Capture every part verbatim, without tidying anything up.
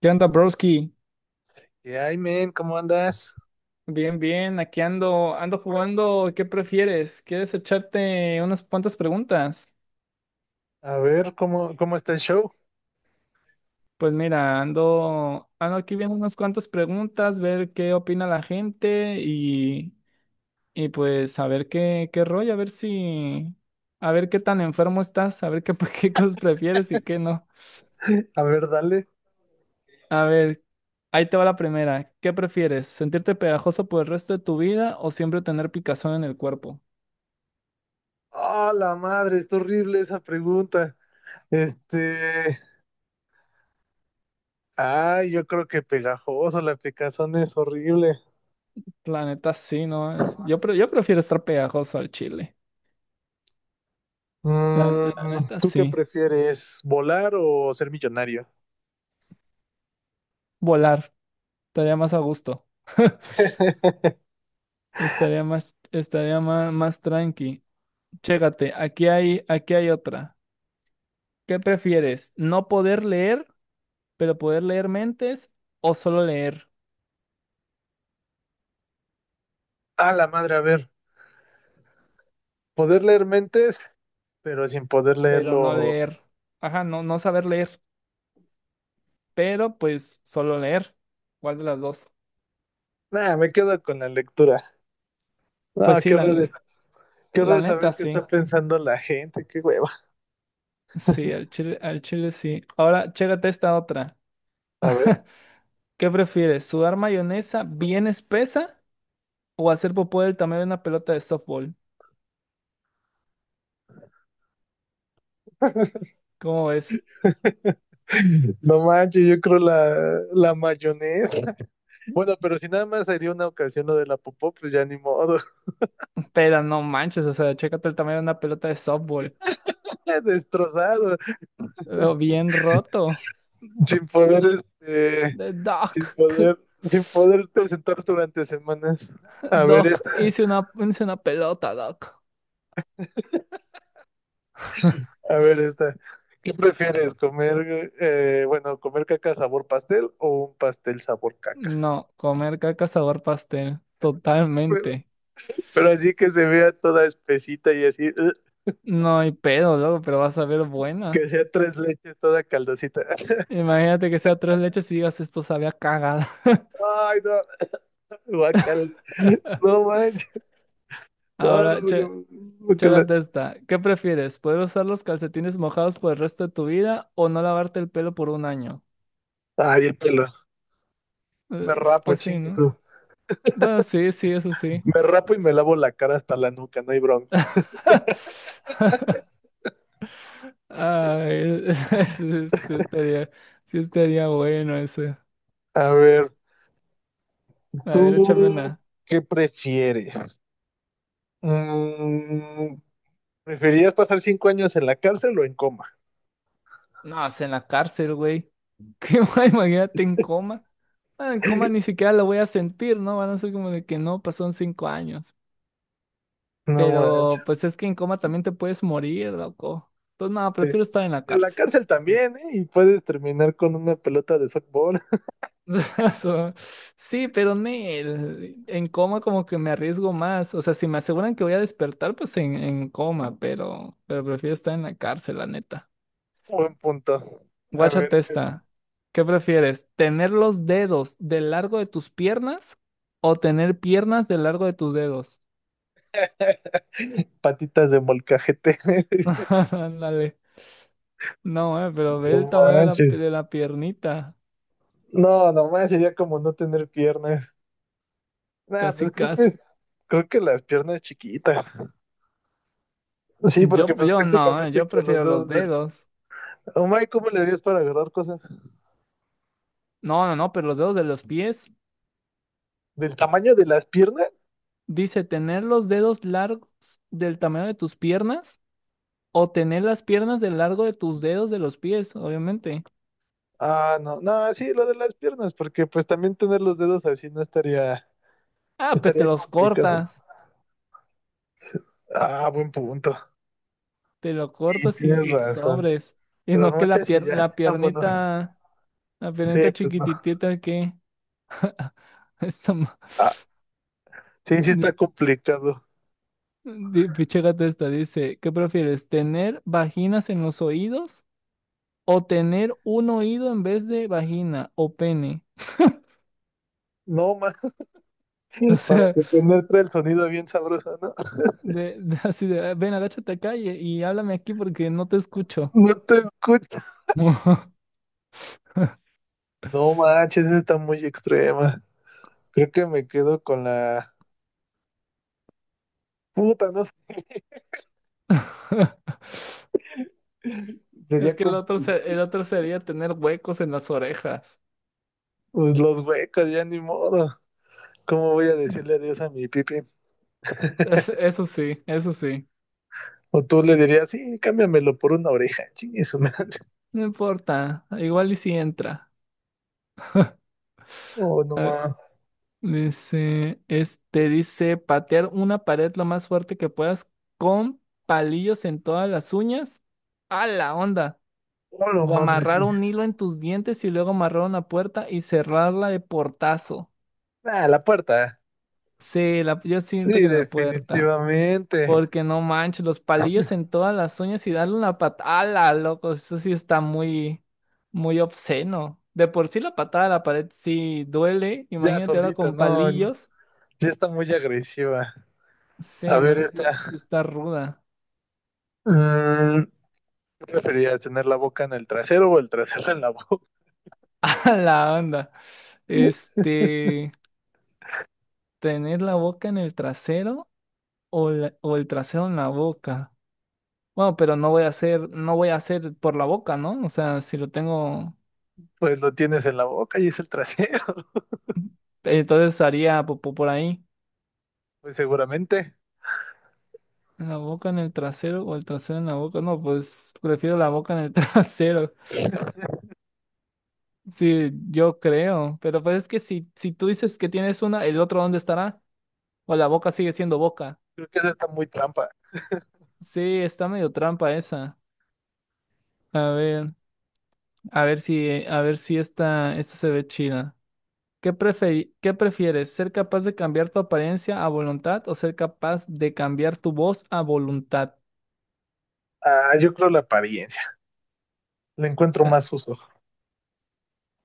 ¿Qué onda, broski? Y ay, men, ¿cómo andas? Bien, bien, aquí ando, ando jugando. ¿Qué prefieres? ¿Quieres echarte unas cuantas preguntas? A ver, ¿cómo, cómo está el show? Pues mira, ando, ando aquí viendo unas cuantas preguntas, ver qué opina la gente y, y pues a ver qué, qué rollo, a ver si, a ver qué tan enfermo estás, a ver qué, qué cosas prefieres y qué no. A ver, dale. A ver, ahí te va la primera. ¿Qué prefieres? ¿Sentirte pegajoso por el resto de tu vida o siempre tener picazón en el cuerpo? ¡Ah, la madre! Está horrible esa pregunta. Este. Ay, yo creo que pegajoso, la picazón es horrible. La neta sí, ¿no? Es- Yo, pre- yo prefiero estar pegajoso al chile. La, la Mm, neta ¿tú qué sí. prefieres, volar o ser millonario? Volar. Estaría más a gusto. Estaría más, estaría más, más tranqui. Chécate, aquí hay, aquí hay otra. ¿Qué prefieres? ¿No poder leer, pero poder leer mentes? ¿O solo leer, ¡Ah, la madre! A ver, poder leer mentes, pero sin poder pero no leerlo. leer? Ajá, no, no saber leer, pero pues solo leer. ¿Cuál de las dos? Nah, me quedo con la lectura. Pues No, sí, qué horror, la, es- qué la horror saber neta qué sí. está pensando la gente, qué hueva. Sí, al chile, al chile sí. Ahora, chécate esta otra. A ver. ¿Qué prefieres? ¿Sudar mayonesa bien espesa o hacer popó del tamaño de una pelota de softball? ¿Cómo es? No manches, yo creo la, la mayonesa. Bueno, pero si nada más sería una ocasión lo de la popó, pues ya ni modo. Pero no manches, o sea, chécate el tamaño de una pelota de softball. Destrozado, Pero bien roto. sin poder, este, De sin Doc. c- poder, sin poderte sentar durante semanas. A ver Doc, esta, hice una, hice una pelota, Doc. a ver esta. ¿Qué prefieres, comer, eh, bueno, comer caca sabor pastel o un pastel sabor caca? No, comer caca sabor pastel. Pero, Totalmente. pero así que se vea toda espesita y así, ugh, No hay pedo, loco, pero vas a ver buena. que sea tres leches toda caldosita. Imagínate que sea tres leches y digas esto sabía cagada. Ay, no, guacal, no manches. Ah, Ahora, güey, che, yo- guácala. Chécate esta. ¿Qué prefieres? ¿Poder usar los calcetines mojados por el resto de tu vida o no lavarte el pelo por un año? Ay, el pelo. Eh, Me s- rapo, Pues sí, chingue ¿no? su- Bueno, sí, sí, eso sí. Me rapo y me lavo la cara hasta la nuca, no hay bronca. Ay, sí, sí estaría, sí estaría bueno ese. A ver, A ver, échame ¿tú una. qué prefieres? Mm, ¿preferirías pasar cinco años en la cárcel o en coma? No, pues en la cárcel, güey. ¿Qué más? Imagínate en coma. Ah, en coma ni siquiera lo voy a sentir, ¿no? Van a ser como de que no, pasaron cinco años. No Pero manches. pues es que en coma también te puedes morir, loco. Entonces, no, Sí. prefiero estar en la En la cárcel. cárcel también, ¿eh? Y puedes terminar con una pelota de softball. So, Sí, pero nel, en coma como que me arriesgo más. O sea, si me aseguran que voy a despertar, pues en, en coma, pero, pero prefiero estar en la cárcel, la neta. Buen punto. A ver, Guáchate échate. esta. ¿Qué prefieres? ¿Tener los dedos del largo de tus piernas o tener piernas del largo de tus dedos? Patitas de molcajete. Ándale. No, eh, pero ve No el tamaño de la, manches. de la piernita. No, nomás sería como no tener piernas. Nah, Casi, pues creo que casi. es- creo que las piernas chiquitas. Sí, porque Yo, pues yo no, eh, prácticamente yo con los prefiero los dedos del... dedos. Oh my, ¿cómo le harías para agarrar cosas? No, no, no, pero los dedos de los pies. ¿Del tamaño de las piernas? Dice, tener los dedos largos del tamaño de tus piernas o tener las piernas del largo de tus dedos de los pies, obviamente. Ah, no, no, sí, lo de las piernas, porque pues también tener los dedos así no estaría, Ah, pues te estaría los complicado. cortas, Ah, buen punto. te lo Y cortas y, tienes y razón. sobres. Y Las no que la mochas y pier- ya, la vámonos. piernita, la Sí, piernita pues no. chiquititita que... está ma- Ah, sí, sí di- está complicado. di- Pinche gata esta dice, ¿qué prefieres? ¿Tener vaginas en los oídos? O tener un oído en vez de vagina o pene. No, más O para sea, que penetre el sonido bien sabroso, ¿no? de, de- así de, "Ah, ven, agáchate acá y, y háblame aquí porque no te escucho". No te escucho. No manches, esa está muy extrema. Creo que me quedo con la puta, no sé. Es Sería que el como otro, se- el otro sería tener huecos en las orejas. pues, los huecos, ya ni modo. ¿Cómo voy a decirle adiós a mi pipi? Es- eso sí, eso sí. O tú le dirías, sí, cámbiamelo por una oreja, chingue su madre. No importa, igual y si entra. Oh, no A ver, más. dice, este dice patear una pared lo más fuerte que puedas con palillos en todas las uñas. A la onda. Oh, no, O madre, amarrar sí. un hilo en tus dientes y luego amarrar una puerta y cerrarla de portazo. Ah, la puerta. Sí, la, yo siento Sí, que en la puerta. definitivamente. Porque no manches, los palillos en todas las uñas y darle una patada, loco. Eso sí está muy, muy obsceno. De por sí la patada a la pared sí duele. Ya Imagínate ahora solita, con no. el- palillos. Ya está muy agresiva. A Sí, no ver, sé esta. si si está ruda. Mm, ¿qué preferiría tener la boca en el trasero o el trasero en la boca? La onda. Este, Tener la boca en el trasero o, la- o el trasero en la boca. Bueno, pero no voy a hacer, no voy a hacer por la boca, ¿no? O sea, si lo tengo, Pues lo tienes en la boca y es el trasero, entonces haría popó por ahí. pues seguramente. ¿En la boca, en el trasero o el trasero en la boca? No, pues prefiero la boca en el trasero. Sí, yo creo. Pero pues es que si, si tú dices que tienes una, ¿el otro dónde estará? O la boca sigue siendo boca. Creo que esa está muy trampa. Sí, está medio trampa esa. A ver, a ver si, a ver si esta, esta se ve chida. ¿Qué preferi- ¿qué prefieres? ¿Ser capaz de cambiar tu apariencia a voluntad o ser capaz de cambiar tu voz a voluntad? Ah, yo creo la apariencia. Le O encuentro sea, más uso.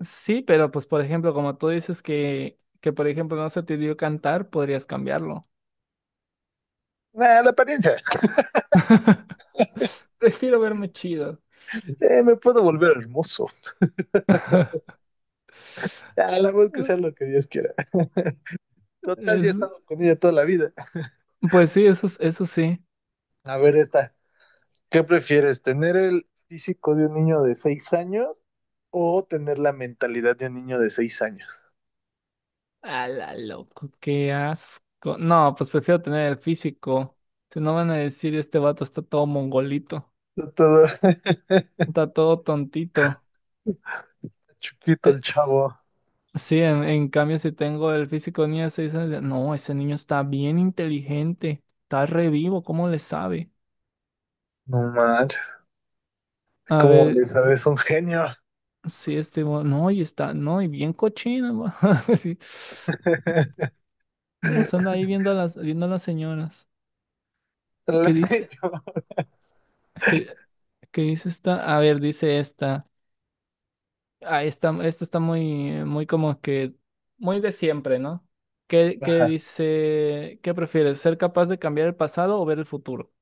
sí, pero pues por ejemplo, como tú dices que, que por ejemplo no se te dio cantar, podrías cambiarlo. Ah, la apariencia. Prefiero verme chido. Eh, me puedo volver hermoso. Ah, la voz que sea lo que Dios quiera. Total, yo he Es- estado con ella toda la vida. pues sí, eso, es- eso sí. A ver, esta. ¿Qué prefieres? ¿Tener el físico de un niño de seis años o tener la mentalidad de un niño de seis años? A la loco, qué asco. No, pues prefiero tener el físico. Si no van a decir, este vato está todo mongolito, Está todo está todo tontito. chiquito el Te- chavo. Sí, en, en cambio, si tengo el físico niño de seis años, de- no, ese niño está bien inteligente, está revivo, ¿cómo le sabe? No manches, A como ver, le sabes, un genio. sí este, mo- no, y está, no, y bien cochino, mo- sí, nomás anda ahí viendo a las, viendo a las señoras. La ¿Qué sé. dice? ¿Qué, qué dice esta? A ver, dice esta. Ah, esta, esta está muy, muy como que, muy de siempre, ¿no? ¿Qué, qué Ajá. dice? ¿Qué prefieres, ser capaz de cambiar el pasado o ver el futuro?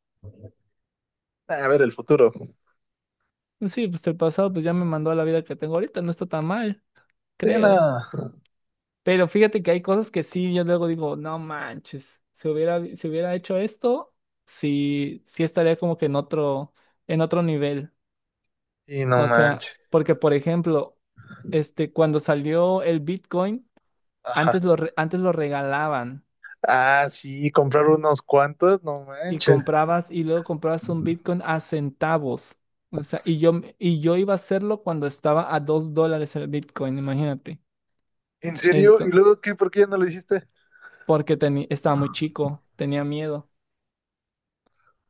A ver el futuro. Sí, pues el pasado pues ya me mandó a la vida que tengo ahorita, no está tan mal, Sí, creo. no. Pero fíjate que hay cosas que sí, yo luego digo, no manches, si hubiera, si hubiera hecho esto, sí, sí estaría como que en otro, en otro nivel. Sí, no O sea, manches. porque por ejemplo, este, cuando salió el Bitcoin, Ajá. antes lo, re- antes lo regalaban Ah, sí, comprar unos cuantos, no y manches. comprabas y luego comprabas un Bitcoin a centavos. O sea, y yo, y yo iba a hacerlo cuando estaba a dos dólares el Bitcoin, imagínate. ¿En serio? ¿Y Ento- luego qué? ¿Por qué ya no lo hiciste? Porque teni- estaba muy chico, tenía miedo,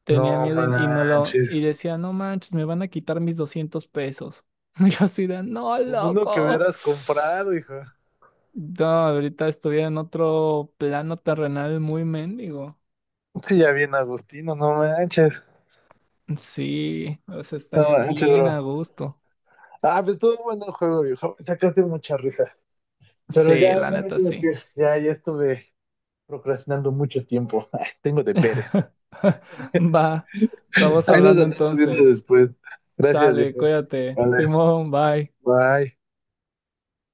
tenía No miedo y, y no lo, manches. y decía, no manches, me van a quitar mis doscientos pesos. Y yo así de, no, Con uno que loco. hubieras comprado, hijo. No, ahorita estuviera en otro plano terrenal muy mendigo. Sí, ya bien, Agustino, no manches. Sí, o sea, No estaría manches, bien bro. a gusto. Ah, pues estuvo bueno el juego, viejo. Sacaste mucha risa. Pero Sí, ya, la ya me neta, tengo que sí. ir. Ya, ya estuve procrastinando mucho tiempo. Tengo deberes. Va, estamos Ahí nos hablando andamos viendo entonces. después. Gracias, Sale, viejo. cuídate. Vale, Simón, bye. bye.